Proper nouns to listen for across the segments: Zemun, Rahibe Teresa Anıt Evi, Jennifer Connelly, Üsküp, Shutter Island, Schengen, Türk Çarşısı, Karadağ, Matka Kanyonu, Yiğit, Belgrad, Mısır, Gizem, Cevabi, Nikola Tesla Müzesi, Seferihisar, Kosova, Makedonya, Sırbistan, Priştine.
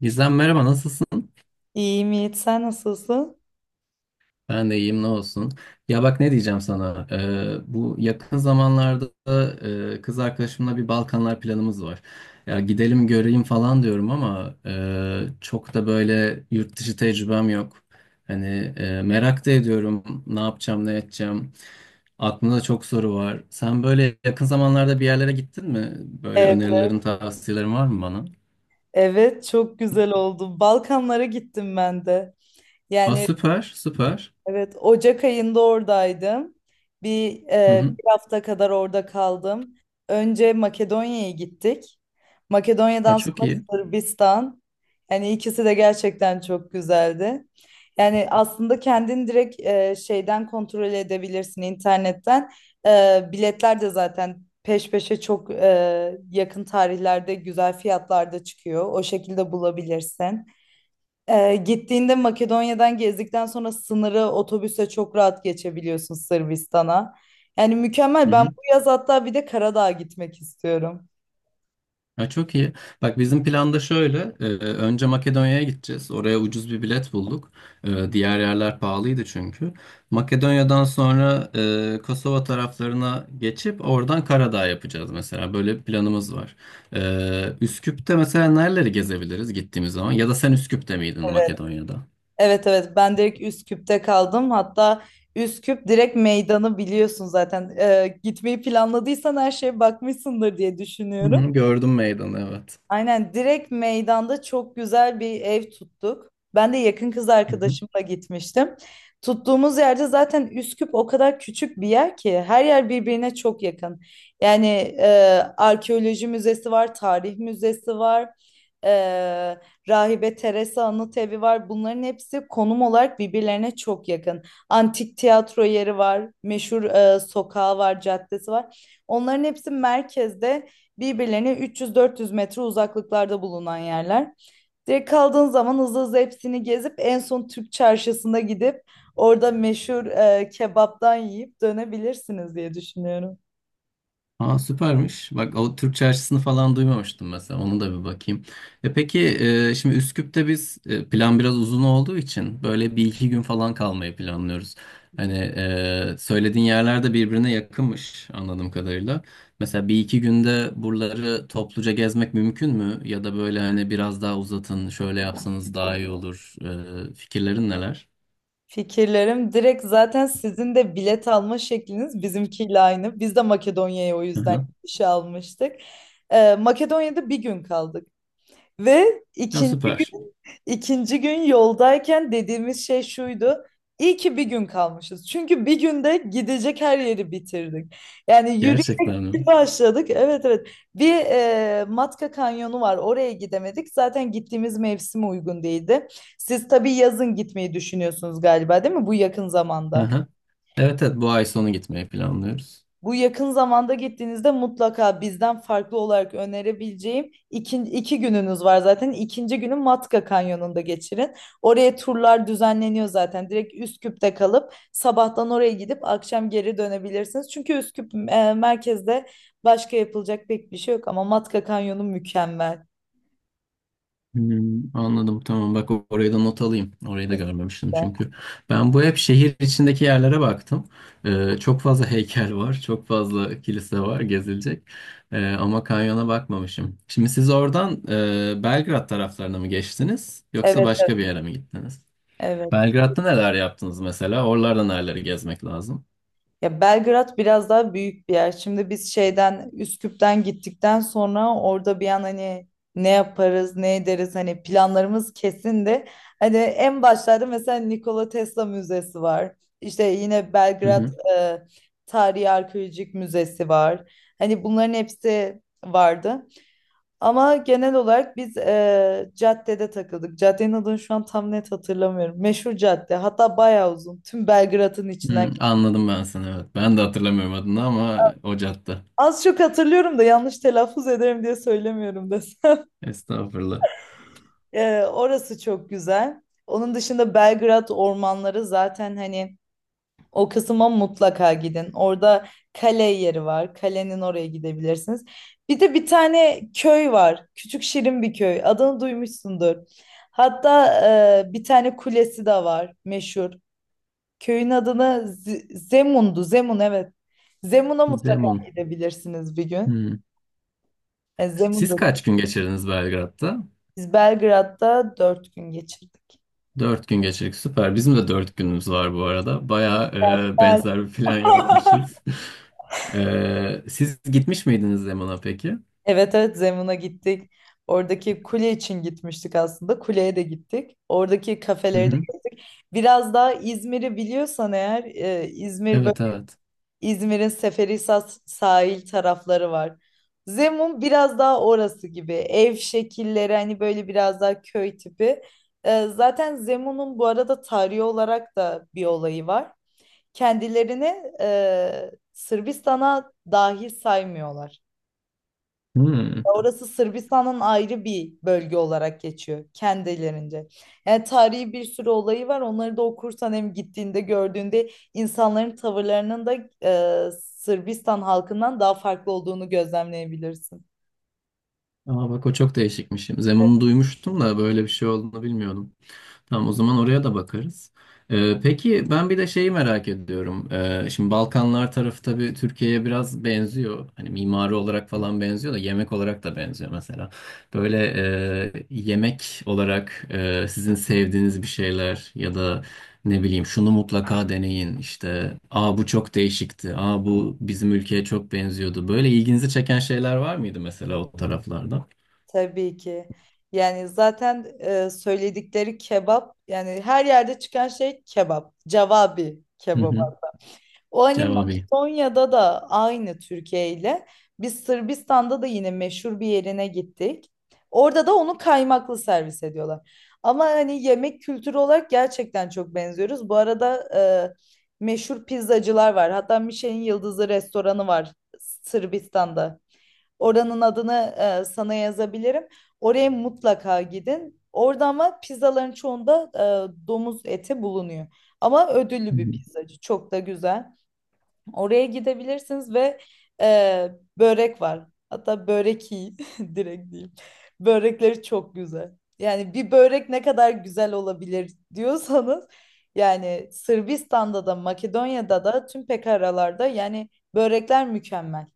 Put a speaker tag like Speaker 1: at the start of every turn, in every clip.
Speaker 1: Gizem merhaba nasılsın?
Speaker 2: İyiyim Yiğit, sen nasılsın?
Speaker 1: Ben de iyiyim ne olsun. Ya bak ne diyeceğim sana. Bu yakın zamanlarda kız arkadaşımla bir Balkanlar planımız var. Ya gidelim göreyim falan diyorum ama çok da böyle yurt dışı tecrübem yok. Hani merak da ediyorum ne yapacağım ne edeceğim. Aklımda çok soru var. Sen böyle yakın zamanlarda bir yerlere gittin mi? Böyle
Speaker 2: Evet,
Speaker 1: önerilerin tavsiyelerin var mı bana?
Speaker 2: evet çok güzel oldu. Balkanlara gittim ben de.
Speaker 1: Aa,
Speaker 2: Yani
Speaker 1: süper süper.
Speaker 2: Evet, Ocak ayında oradaydım. Bir,
Speaker 1: Hı
Speaker 2: e,
Speaker 1: hı.
Speaker 2: bir hafta kadar orada kaldım. Önce Makedonya'ya gittik.
Speaker 1: Aa,
Speaker 2: Makedonya'dan
Speaker 1: çok
Speaker 2: sonra
Speaker 1: iyi.
Speaker 2: Sırbistan. Yani ikisi de gerçekten çok güzeldi. Yani aslında kendin direkt şeyden kontrol edebilirsin internetten. Biletler de zaten peş peşe çok yakın tarihlerde güzel fiyatlarda çıkıyor. O şekilde bulabilirsin. Gittiğinde Makedonya'dan gezdikten sonra sınırı otobüse çok rahat geçebiliyorsun Sırbistan'a. Yani mükemmel.
Speaker 1: Hı
Speaker 2: Ben
Speaker 1: hı.
Speaker 2: bu yaz hatta bir de Karadağ'a gitmek istiyorum.
Speaker 1: Ha, çok iyi. Bak bizim planda şöyle. Önce Makedonya'ya gideceğiz. Oraya ucuz bir bilet bulduk. Diğer yerler pahalıydı çünkü. Makedonya'dan sonra Kosova taraflarına geçip oradan Karadağ yapacağız mesela. Böyle bir planımız var. Üsküp'te mesela nereleri gezebiliriz gittiğimiz zaman? Ya da sen Üsküp'te miydin
Speaker 2: Evet.
Speaker 1: Makedonya'da?
Speaker 2: Evet, evet, ben direkt Üsküp'te kaldım. Hatta Üsküp direkt meydanı biliyorsun zaten. Gitmeyi planladıysan her şeye bakmışsındır diye düşünüyorum.
Speaker 1: Hı, gördüm meydanı
Speaker 2: Aynen direkt meydanda çok güzel bir ev tuttuk. Ben de yakın kız
Speaker 1: evet.
Speaker 2: arkadaşımla gitmiştim. Tuttuğumuz yerde zaten Üsküp o kadar küçük bir yer ki her yer birbirine çok yakın. Yani e, arkeoloji müzesi var, tarih müzesi var, e, Rahibe Teresa Anıt Evi var. Bunların hepsi konum olarak birbirlerine çok yakın. Antik tiyatro yeri var, meşhur sokağı var, caddesi var. Onların hepsi merkezde birbirlerine 300-400 metre uzaklıklarda bulunan yerler. Direkt kaldığın zaman hızlı hızlı hepsini gezip en son Türk çarşısına gidip orada meşhur kebaptan yiyip dönebilirsiniz diye düşünüyorum.
Speaker 1: Aa süpermiş. Bak o Türk Çarşısı'nı falan duymamıştım mesela. Onu da bir bakayım. E peki şimdi Üsküp'te biz plan biraz uzun olduğu için böyle bir iki gün falan kalmayı planlıyoruz. Hani söylediğin yerler de birbirine yakınmış anladığım kadarıyla. Mesela bir iki günde buraları topluca gezmek mümkün mü? Ya da böyle hani biraz daha uzatın, şöyle yapsanız daha iyi olur. Fikirlerin neler?
Speaker 2: Fikirlerim direkt zaten sizin de bilet alma şekliniz bizimkiyle aynı. Biz de Makedonya'ya o
Speaker 1: Hı
Speaker 2: yüzden
Speaker 1: hı.
Speaker 2: gidiş almıştık. Makedonya'da bir gün kaldık. Ve
Speaker 1: Ya
Speaker 2: ikinci
Speaker 1: süper.
Speaker 2: gün ikinci gün yoldayken dediğimiz şey şuydu. İyi ki bir gün kalmışız. Çünkü bir günde gidecek her yeri bitirdik. Yani yürüyüşe
Speaker 1: Gerçekten mi?
Speaker 2: başladık. Evet, evet. Bir Matka Kanyonu var. Oraya gidemedik. Zaten gittiğimiz mevsim uygun değildi. Siz tabii yazın gitmeyi düşünüyorsunuz galiba, değil mi? Bu yakın
Speaker 1: Hı
Speaker 2: zamanda.
Speaker 1: hı. Evet evet, bu ay sonu gitmeyi planlıyoruz.
Speaker 2: Bu yakın zamanda gittiğinizde mutlaka bizden farklı olarak önerebileceğim iki gününüz var zaten. İkinci günü Matka Kanyonu'nda geçirin. Oraya turlar düzenleniyor zaten. Direkt Üsküp'te kalıp sabahtan oraya gidip akşam geri dönebilirsiniz. Çünkü Üsküp merkezde başka yapılacak pek bir şey yok ama Matka Kanyonu mükemmel.
Speaker 1: Hmm, anladım tamam, bak orayı da not alayım. Orayı da görmemiştim çünkü. Ben bu hep şehir içindeki yerlere baktım. Çok fazla heykel var, çok fazla kilise var gezilecek. Ama kanyona bakmamışım. Şimdi siz oradan Belgrad taraflarına mı geçtiniz yoksa
Speaker 2: Evet,
Speaker 1: başka bir
Speaker 2: evet.
Speaker 1: yere mi gittiniz?
Speaker 2: Evet.
Speaker 1: Belgrad'da neler yaptınız mesela? Oralarda nereleri gezmek lazım?
Speaker 2: Ya Belgrad biraz daha büyük bir yer. Şimdi biz Üsküp'ten gittikten sonra orada bir an hani ne yaparız, ne ederiz hani planlarımız kesin de hani en başlarda mesela Nikola Tesla Müzesi var. İşte yine
Speaker 1: Hı
Speaker 2: Belgrad
Speaker 1: hı.
Speaker 2: e, Tarihi Arkeolojik Müzesi var. Hani bunların hepsi vardı. Ama genel olarak biz caddede takıldık. Caddenin adını şu an tam net hatırlamıyorum. Meşhur cadde. Hatta bayağı uzun. Tüm Belgrad'ın içinden.
Speaker 1: Hı, anladım ben seni, evet. Ben de hatırlamıyorum adını ama o cadde.
Speaker 2: Az çok hatırlıyorum da yanlış telaffuz ederim diye söylemiyorum desem.
Speaker 1: Estağfurullah.
Speaker 2: Orası çok güzel. Onun dışında Belgrad ormanları zaten hani o kısma mutlaka gidin. Orada kale yeri var. Kalenin oraya gidebilirsiniz. Bir de bir tane köy var. Küçük şirin bir köy. Adını duymuşsundur. Hatta bir tane kulesi de var meşhur. Köyün adını Zemun'du. Zemun evet. Zemun'a mutlaka
Speaker 1: Zemun.
Speaker 2: gidebilirsiniz bir gün.
Speaker 1: Hmm.
Speaker 2: E, Zemun
Speaker 1: Siz kaç gün geçirdiniz Belgrad'da?
Speaker 2: Biz Belgrad'da dört gün geçirdik.
Speaker 1: Dört gün geçirdik. Süper. Bizim de dört günümüz var bu arada. Bayağı
Speaker 2: Güzel.
Speaker 1: benzer bir plan yapmışız. E, siz gitmiş miydiniz Zemun'a peki?
Speaker 2: Evet, evet, Zemun'a gittik. Oradaki kule için gitmiştik aslında. Kuleye de gittik. Oradaki
Speaker 1: Hı
Speaker 2: kafeleri de
Speaker 1: hı.
Speaker 2: gittik. Biraz daha İzmir'i biliyorsan eğer İzmir böyle
Speaker 1: Evet evet.
Speaker 2: İzmir'in Seferihisar sahil tarafları var. Zemun biraz daha orası gibi. Ev şekilleri hani böyle biraz daha köy tipi. Zaten Zemun'un bu arada tarihi olarak da bir olayı var. Kendilerini Sırbistan'a dahil saymıyorlar.
Speaker 1: Hmm.
Speaker 2: Orası Sırbistan'ın ayrı bir bölge olarak geçiyor kendilerince. Yani tarihi bir sürü olayı var. Onları da okursan hem gittiğinde gördüğünde insanların tavırlarının da Sırbistan halkından daha farklı olduğunu gözlemleyebilirsin.
Speaker 1: Aa bak o çok değişikmiş. Zemun'u duymuştum da böyle bir şey olduğunu bilmiyordum. Tamam, o zaman oraya da bakarız. Peki ben bir de şeyi merak ediyorum. Şimdi Balkanlar tarafı tabii Türkiye'ye biraz benziyor. Hani mimari olarak falan benziyor da yemek olarak da benziyor mesela. Böyle yemek olarak sizin sevdiğiniz bir şeyler ya da ne bileyim şunu mutlaka deneyin işte. Aa bu çok değişikti. Aa bu bizim ülkeye çok benziyordu. Böyle ilginizi çeken şeyler var mıydı mesela o taraflarda?
Speaker 2: Tabii ki. Yani zaten söyledikleri kebap yani her yerde çıkan şey kebap. Cevabi
Speaker 1: Hı
Speaker 2: kebap.
Speaker 1: hı.
Speaker 2: O hani
Speaker 1: Cevabi.
Speaker 2: Makedonya'da da aynı Türkiye ile. Biz Sırbistan'da da yine meşhur bir yerine gittik. Orada da onu kaymaklı servis ediyorlar. Ama hani yemek kültürü olarak gerçekten çok benziyoruz. Bu arada meşhur pizzacılar var. Hatta Michelin yıldızlı restoranı var Sırbistan'da. Oranın adını sana yazabilirim. Oraya mutlaka gidin. Orada ama pizzaların çoğunda domuz eti bulunuyor. Ama
Speaker 1: Hı
Speaker 2: ödüllü bir
Speaker 1: hı.
Speaker 2: pizzacı. Çok da güzel. Oraya gidebilirsiniz ve e, börek var. Hatta börek iyi direkt diyeyim. Börekleri çok güzel. Yani bir börek ne kadar güzel olabilir diyorsanız yani Sırbistan'da da Makedonya'da da tüm pekaralarda yani börekler mükemmel.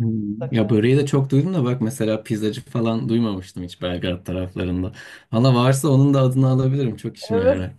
Speaker 1: Hmm. Ya
Speaker 2: Mutlaka.
Speaker 1: böreği de çok duydum da bak mesela pizzacı falan duymamıştım hiç Belgrad taraflarında. Valla varsa onun da adını alabilirim. Çok işime
Speaker 2: Evet.
Speaker 1: yarar.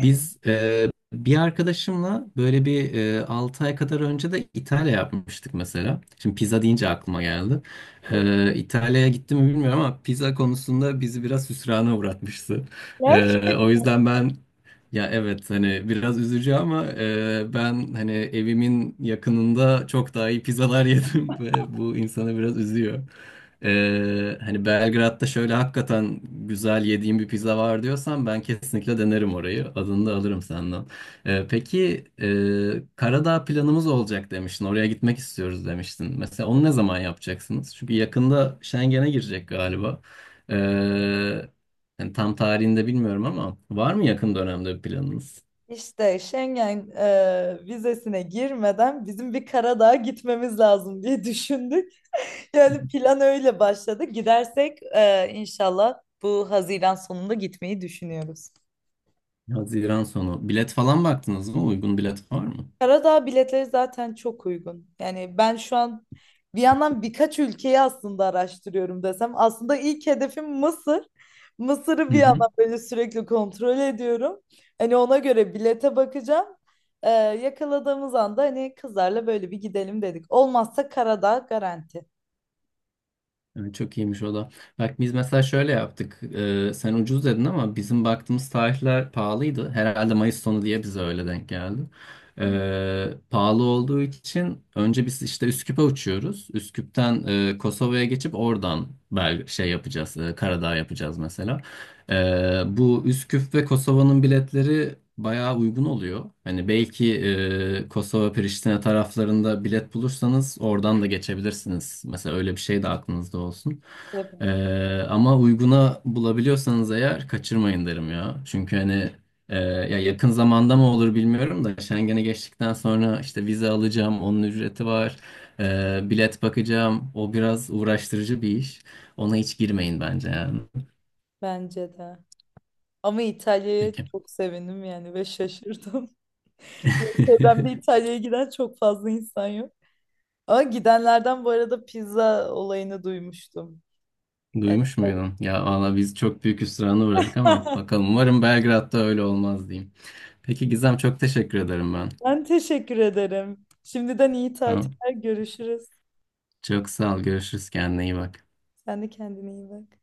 Speaker 1: Biz bir arkadaşımla böyle bir 6 ay kadar önce de İtalya yapmıştık mesela. Şimdi pizza deyince aklıma geldi. E, İtalya'ya gitti mi bilmiyorum ama pizza konusunda bizi biraz hüsrana uğratmıştı.
Speaker 2: Yer.
Speaker 1: E, o yüzden ben... Ya evet hani biraz üzücü ama ben hani evimin yakınında çok daha iyi pizzalar yedim ve bu insanı biraz üzüyor. Hani Belgrad'da şöyle hakikaten güzel yediğim bir pizza var diyorsan ben kesinlikle denerim orayı. Adını da alırım senden. Peki Karadağ planımız olacak demiştin. Oraya gitmek istiyoruz demiştin. Mesela onu ne zaman yapacaksınız? Çünkü yakında Schengen'e girecek galiba. E, Yani tam tarihini de bilmiyorum ama var mı yakın dönemde bir planınız?
Speaker 2: İşte Schengen vizesine girmeden bizim bir Karadağ'a gitmemiz lazım diye düşündük. Yani plan öyle başladı. Gidersek inşallah bu Haziran sonunda gitmeyi düşünüyoruz.
Speaker 1: Haziran sonu. Bilet falan baktınız mı? Uygun bilet var mı?
Speaker 2: Karadağ biletleri zaten çok uygun. Yani ben şu an bir yandan birkaç ülkeyi aslında araştırıyorum desem. Aslında ilk hedefim Mısır. Mısır'ı
Speaker 1: Hı
Speaker 2: bir
Speaker 1: hı.
Speaker 2: yandan böyle sürekli kontrol ediyorum. Hani ona göre bilete bakacağım. Yakaladığımız anda hani kızlarla böyle bir gidelim dedik. Olmazsa Karadağ garanti.
Speaker 1: Evet, çok iyiymiş o da. Bak biz mesela şöyle yaptık. Sen ucuz dedin ama bizim baktığımız tarihler pahalıydı. Herhalde Mayıs sonu diye bize öyle denk geldi.
Speaker 2: Hı,
Speaker 1: Pahalı olduğu için önce biz işte Üsküp'e uçuyoruz. Üsküp'ten Kosova'ya geçip oradan şey yapacağız. E, Karadağ yapacağız mesela. Bu Üsküp ve Kosova'nın biletleri bayağı uygun oluyor. Hani belki Kosova, Priştine taraflarında bilet bulursanız oradan da geçebilirsiniz. Mesela öyle bir şey de aklınızda olsun.
Speaker 2: tabii.
Speaker 1: Ama uyguna bulabiliyorsanız eğer kaçırmayın derim ya. Çünkü hani ya yakın zamanda mı olur bilmiyorum da Schengen'e geçtikten sonra işte vize alacağım, onun ücreti var. Bilet bakacağım. O biraz uğraştırıcı bir iş. Ona hiç girmeyin bence yani.
Speaker 2: Bence de. Ama İtalya'ya
Speaker 1: Peki.
Speaker 2: çok sevindim yani ve şaşırdım. Çevremde İtalya'ya giden çok fazla insan yok. Ama gidenlerden bu arada pizza olayını duymuştum. Yani
Speaker 1: Duymuş muydun? Ya valla biz çok büyük hüsrana uğradık ama bakalım. Umarım Belgrad'da öyle olmaz diyeyim. Peki Gizem, çok teşekkür ederim ben.
Speaker 2: ben teşekkür ederim. Şimdiden iyi
Speaker 1: Tamam.
Speaker 2: tatiller görüşürüz.
Speaker 1: Çok sağ ol. Görüşürüz. Kendine iyi bak.
Speaker 2: Sen de kendine iyi bak.